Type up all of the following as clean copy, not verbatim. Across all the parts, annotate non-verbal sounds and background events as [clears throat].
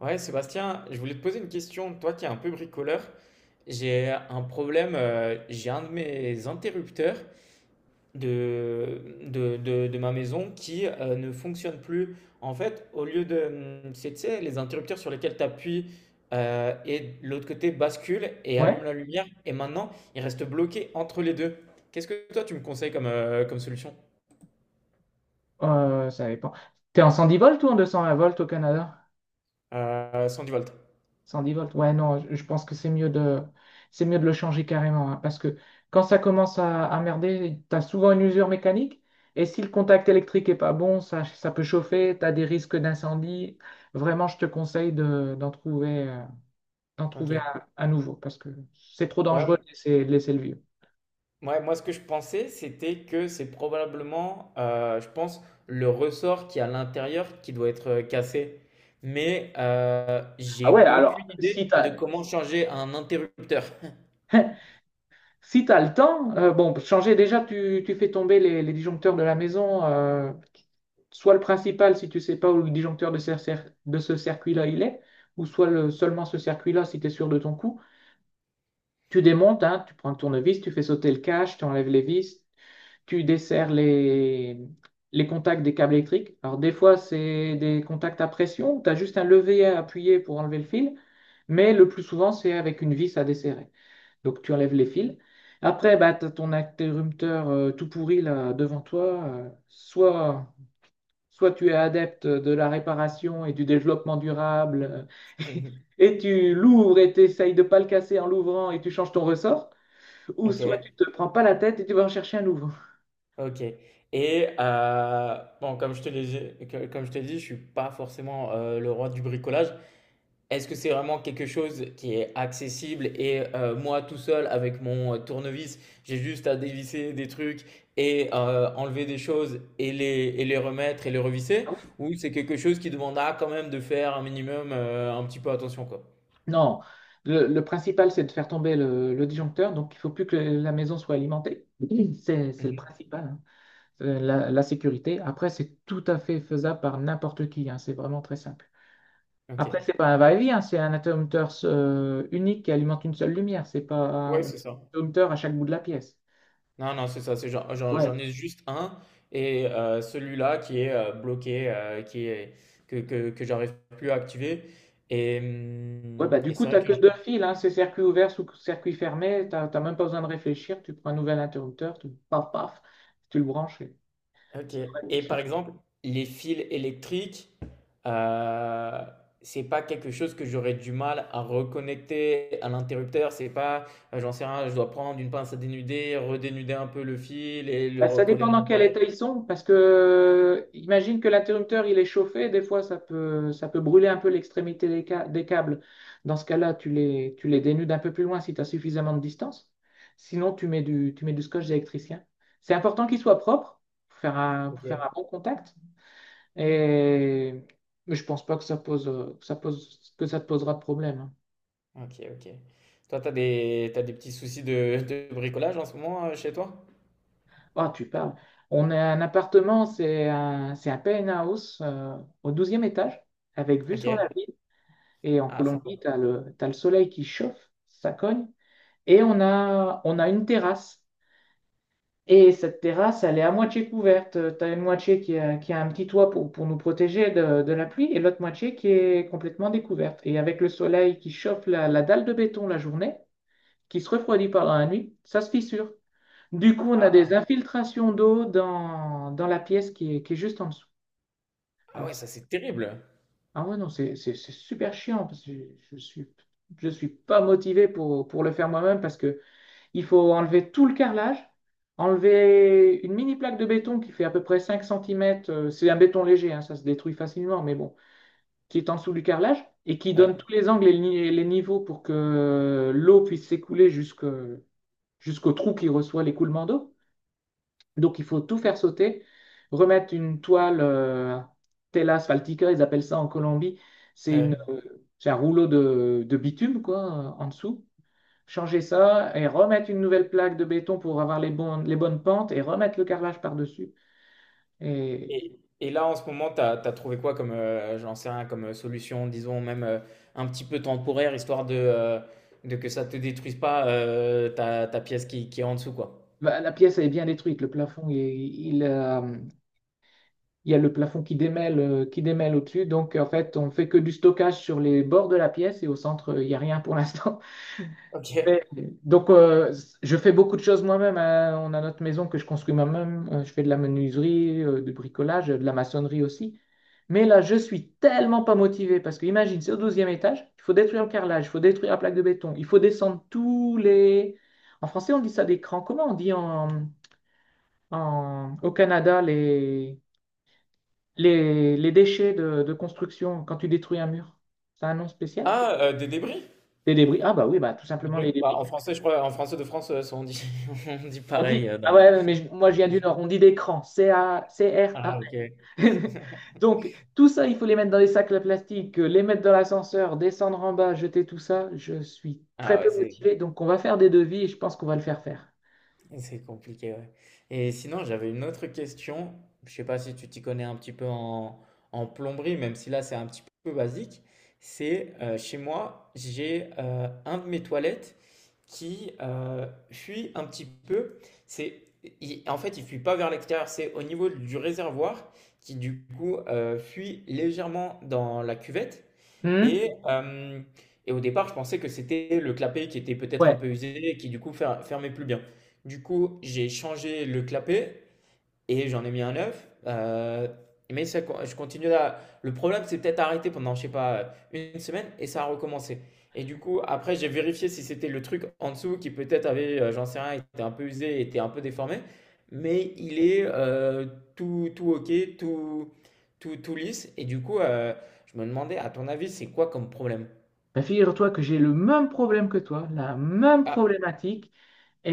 Ouais, Sébastien, je voulais te poser une question. Toi qui es un peu bricoleur, j'ai un problème. J'ai un de mes interrupteurs de ma maison qui ne fonctionne plus. En fait, au lieu de. C'est, tu sais, les interrupteurs sur lesquels tu appuies et de l'autre côté bascule et Ouais, allume la lumière. Et maintenant, il reste bloqué entre les deux. Qu'est-ce que toi tu me conseilles comme, comme solution? Ça dépend. T'es en 110 volts ou en 220 volts au Canada? 110 volts. 110 volts, ouais, non, je pense que c'est mieux de le changer carrément, hein, parce que quand ça commence à merder, t'as souvent une usure mécanique, et si le contact électrique est pas bon, ça peut chauffer, t'as des risques d'incendie. Vraiment, je te conseille d'en Ok. trouver un nouveau, parce que c'est trop dangereux de Ouais, laisser, le vieux. ouais, moi, ce que je pensais, c'était que c'est probablement, je pense, le ressort qui est à l'intérieur qui doit être cassé. Mais Ah ouais, j'ai alors, aucune si idée de t'as, comment changer un interrupteur. [laughs] Si tu as le temps, bon, changer déjà, tu fais tomber les disjoncteurs de la maison, soit le principal si tu sais pas où le disjoncteur de ce circuit-là il est, ou soit seulement ce circuit-là si tu es sûr de ton coup. Tu démontes, hein, tu prends le tournevis, tu fais sauter le cache, tu enlèves les vis, tu desserres les, contacts des câbles électriques. Alors des fois, c'est des contacts à pression, tu as juste un levier à appuyer pour enlever le fil, mais le plus souvent, c'est avec une vis à desserrer. Donc tu enlèves les fils. Après, bah, tu as ton interrupteur tout pourri là devant toi. Soit tu es adepte de la réparation et du développement durable euh, [laughs] [laughs] et tu l'ouvres et tu essayes de pas le casser en l'ouvrant et tu changes ton ressort. Ou Ok, soit tu te prends pas la tête et tu vas en chercher un nouveau. [laughs] ok. Et bon, comme je te l'ai dit, je suis pas forcément le roi du bricolage. Est-ce que c'est vraiment quelque chose qui est accessible et moi tout seul avec mon, tournevis, j'ai juste à dévisser des trucs et enlever des choses et les remettre et les revisser? Ah oui? Ou c'est quelque chose qui demandera quand même de faire un minimum, un petit peu attention, quoi? Non. Le principal, c'est de faire tomber le disjoncteur. Donc il faut plus que la maison soit alimentée. [clears throat] C'est le Mmh. principal, hein. La sécurité. Après, c'est tout à fait faisable par n'importe qui, hein, c'est vraiment très simple. Après, OK. c'est pas un va-et-vient, hein, c'est un interrupteur unique qui alimente une seule lumière, c'est pas Ouais, un c'est ça. interrupteur à chaque bout de la pièce. Non, non, c'est ça, c'est j'en j'en Ouais, j'en ai juste un et celui-là qui est, bloqué, qui est que j'arrive plus à activer et ouais bah, mmh du et coup, c'est tu vrai n'as que que deux fils, hein, c'est circuit ouvert sous circuit fermé, tu n'as même pas besoin de réfléchir, tu prends un nouvel interrupteur, paf, paf, tu le branches et OK ça va. et par exemple, les fils électriques, heu, c'est pas quelque chose que j'aurais du mal à reconnecter à l'interrupteur? C'est pas, j'en sais rien, je dois prendre une pince à dénuder, redénuder un peu le fil et le Bah, ça dépend recoller à dans quel l'intérieur? état ils sont, parce que imagine que l'interrupteur il est chauffé, des fois ça peut brûler un peu l'extrémité des câbles. Dans ce cas-là, tu les dénudes un peu plus loin si tu as suffisamment de distance. Sinon, tu mets du scotch électricien. C'est important qu'il soit propre pour faire OK. un bon contact. Et mais je pense pas que ça te posera de problème, hein. OK, OK. Toi, t'as des petits soucis de bricolage en ce moment, chez toi? Oh, tu parles. On a un appartement, c'est un penthouse au douzième étage, avec vue sur OK. la ville. Et en Ah sympa. Colombie, t'as le soleil qui chauffe, ça cogne. Et on a une terrasse. Et cette terrasse, elle est à moitié couverte. Tu as une moitié qui a un petit toit pour nous protéger de la pluie et l'autre moitié qui est complètement découverte. Et avec le soleil qui chauffe la dalle de béton la journée, qui se refroidit pendant la nuit, ça se fissure. Du coup, on a des Ah! infiltrations d'eau dans la pièce qui est juste en dessous. Ah Alors, ouais, ça, c'est terrible! ah ouais, non, c'est super chiant parce que je suis, je suis pas motivé pour le faire moi-même parce que il faut enlever tout le carrelage, enlever une mini plaque de béton qui fait à peu près 5 centimètres c'est un béton léger, hein, ça se détruit facilement, mais bon, qui est en dessous du carrelage et qui Ouais, donne tous les angles et les niveaux pour que l'eau puisse s'écouler jusqu'au trou qui reçoit l'écoulement d'eau. Donc il faut tout faire sauter, remettre une toile, tela asphaltica, ils appellent ça en Colombie, c'est une, ouais. euh, c'est un rouleau de bitume quoi, en dessous. Changer ça et remettre une nouvelle plaque de béton pour avoir les bonnes pentes et remettre le carrelage par-dessus. Et Et, et là, en ce moment, tu as trouvé quoi comme, j'en sais rien, comme solution, disons, même un petit peu temporaire, histoire de que ça te détruise pas ta, ta pièce qui est en dessous, quoi. bah, la pièce elle est bien détruite, le plafond, il y a le plafond qui démêle au-dessus. Donc en fait, on fait que du stockage sur les bords de la pièce et au centre, il n'y a rien pour l'instant. Ok. Mais, donc, je fais beaucoup de choses moi-même, hein. On a notre maison que je construis moi-même. Je fais de la menuiserie, du bricolage, de la maçonnerie aussi. Mais là, je suis tellement pas motivé parce que imagine, c'est au 12e étage, il faut détruire le carrelage, il faut détruire la plaque de béton, il faut descendre tous les... En français, on dit ça des crans. Comment on dit au Canada les, les déchets de construction quand tu détruis un mur? C'est un nom spécial? Ah, des débris? Des débris. Ah bah oui, bah tout Des simplement les débris. Bah, débris. en français, je crois, en français de France, ça, on dit, [laughs] on dit On dit, pareil. Ah ouais, non, mais moi je viens du Nord, on dit des crans, C-A, r a Ah, ok. [laughs] Donc, tout ça, il faut les mettre dans des sacs à plastique, les mettre dans l'ascenseur, descendre en bas, jeter tout ça. Je suis très Ah ouais, peu c'est motivé, donc on va faire des devis et je pense qu'on va le faire faire. C'est compliqué, ouais. Et sinon, j'avais une autre question. Je sais pas si tu t'y connais un petit peu en, en plomberie, même si là c'est un petit peu basique. C'est chez moi, j'ai un de mes toilettes qui fuit un petit peu. C'est, en fait, il fuit pas vers l'extérieur. C'est au niveau du réservoir qui du coup fuit légèrement dans la cuvette. Hmm. Et, euh, et au départ, je pensais que c'était le clapet qui était peut-être un Ouais. peu usé et qui du coup fermait plus bien. Du coup, j'ai changé le clapet et j'en ai mis un neuf. Mais ça, je continue là. Le problème, c'est peut-être arrêté pendant, je sais pas, une semaine et ça a recommencé. Et du coup, après, j'ai vérifié si c'était le truc en dessous qui peut-être avait, j'en sais rien, était un peu usé, était un peu déformé. Mais il est tout, tout OK, tout, tout, tout lisse. Et du coup, je me demandais, à ton avis, c'est quoi comme problème? Bah, figure-toi que j'ai le même problème que toi, la même Ah, problématique. Et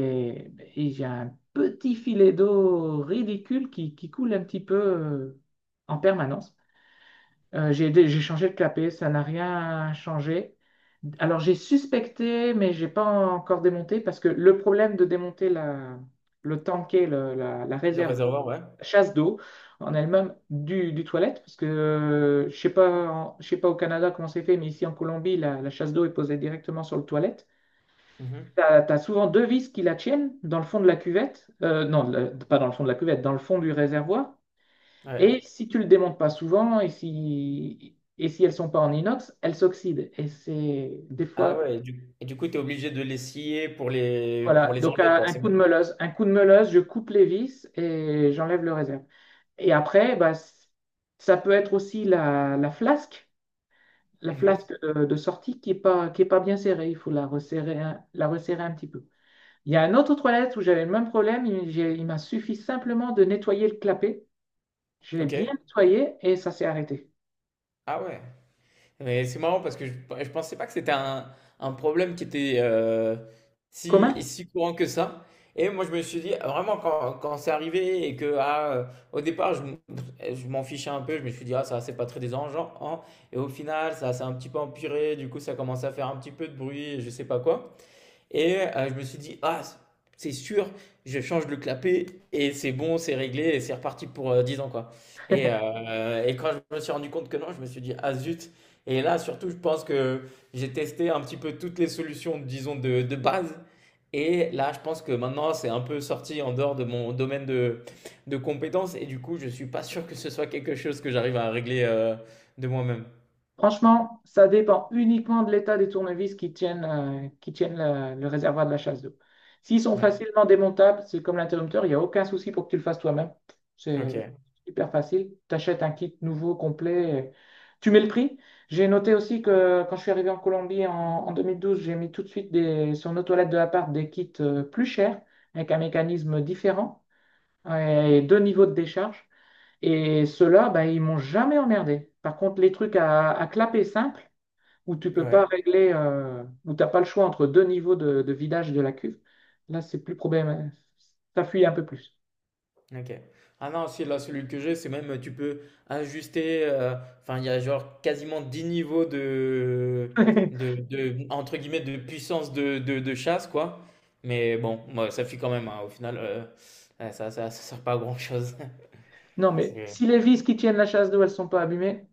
ben, j'ai un petit filet d'eau ridicule qui coule un petit peu en permanence. J'ai, dé- j'ai changé de clapet, ça n'a rien changé. Alors j'ai suspecté, mais j'ai pas encore démonté parce que le problème de démonter la le réserve réservoir, ouais. chasse d'eau en elle-même du toilette, parce que je sais pas au Canada comment c'est fait, mais ici en Colombie, la chasse d'eau est posée directement sur le toilette. Mhm. T'as, as souvent deux vis qui la tiennent dans le fond de la cuvette, non, pas dans le fond de la cuvette, dans le fond du réservoir. Ouais. Et si tu le démontes pas souvent et si, elles sont pas en inox, elles s'oxydent. Et c'est des Ah fois, ouais, et du coup, tu es obligé de les scier pour voilà. les Donc enlever, quoi. C'est bon. Un coup de meuleuse, je coupe les vis et j'enlève le réserve. Et après, bah, ça peut être aussi la Mhm. flasque de sortie qui est pas bien serrée. Il faut la resserrer un petit peu. Il y a un autre toilette où j'avais le même problème. Il m'a suffi simplement de nettoyer le clapet. Je l'ai Ok. bien nettoyé et ça s'est arrêté. Ah ouais. Mais c'est marrant parce que je pensais pas que c'était un problème qui était si, Commun? si courant que ça. Et moi, je me suis dit, ah, vraiment, quand, quand c'est arrivé et que, ah, au départ, je, je m'en fichais un peu, je me suis dit, ah, ça, c'est pas très dérangeant, hein. Et au final, ça s'est un petit peu empiré, du coup, ça commence à faire un petit peu de bruit, et je sais pas quoi. Et je me suis dit, ah, c'est sûr, je change le clapet et c'est bon, c'est réglé et c'est reparti pour 10 ans, quoi. [laughs] Et quand je me suis rendu compte que non, je me suis dit, ah zut. Et là, surtout, je pense que j'ai testé un petit peu toutes les solutions, disons, de base. Et là, je pense que maintenant, c'est un peu sorti en dehors de mon domaine de compétences. Et du coup, je suis pas sûr que ce soit quelque chose que j'arrive à régler de moi-même. Franchement, ça dépend uniquement de l'état des tournevis qui tiennent le réservoir de la chasse d'eau. S'ils sont Ouais, facilement démontables, c'est comme l'interrupteur, il n'y a aucun souci pour que tu le fasses toi-même. C'est ok. hyper facile. Tu achètes un kit nouveau, complet. Tu mets le prix. J'ai noté aussi que quand je suis arrivé en Colombie en 2012, j'ai mis tout de suite sur nos toilettes de l'appart des kits plus chers, avec un mécanisme différent, euh, et deux niveaux de décharge. Et ceux-là, bah, ils m'ont jamais emmerdé. Par contre, les trucs à clapet simple, où tu peux pas Ouais. régler, où t'as pas le choix entre deux niveaux de vidage de la cuve, là, c'est plus problème. Ça fuit un peu plus. OK. Ah non, si là, celui que j'ai, c'est même, tu peux ajuster, enfin, il y a genre quasiment 10 niveaux de de [laughs] de entre guillemets, «de puissance de chasse» quoi. Mais bon, moi, ça suffit quand même, hein, au final, ouais, ça sert pas à grand chose. [laughs] Non, C'est mais ouais, si les vis qui tiennent la chasse d'eau, elles sont pas abîmées,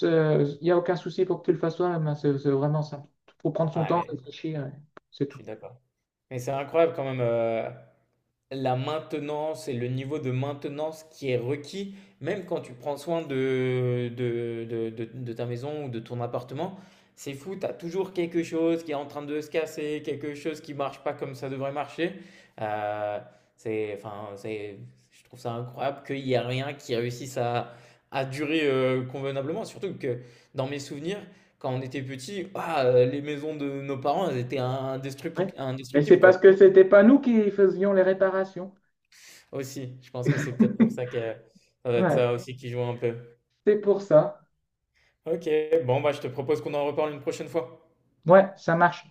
il n'y a aucun souci pour que tu le fasses toi-même, hein. C'est vraiment simple. Il faut prendre son temps, ouais, réfléchir, et c'est je tout. suis d'accord. Mais c'est incroyable quand même, la maintenance et le niveau de maintenance qui est requis, même quand tu prends soin de, de ta maison ou de ton appartement, c'est fou, tu as toujours quelque chose qui est en train de se casser, quelque chose qui marche pas comme ça devrait marcher. Euh, c'est, enfin, c'est, je trouve ça incroyable qu'il n'y a rien qui réussisse à durer convenablement, surtout que dans mes souvenirs, quand on était petit, ah, les maisons de nos parents, elles étaient Ouais. Mais c'est indestructibles, parce quoi. que c'était pas nous qui faisions les réparations. Aussi, je pense que c'est peut-être pour [laughs] ça que ça doit être Ouais, ça aussi qui joue un peu. c'est pour ça. OK, bon, bah, je te propose qu'on en reparle une prochaine fois. Ouais, ça marche.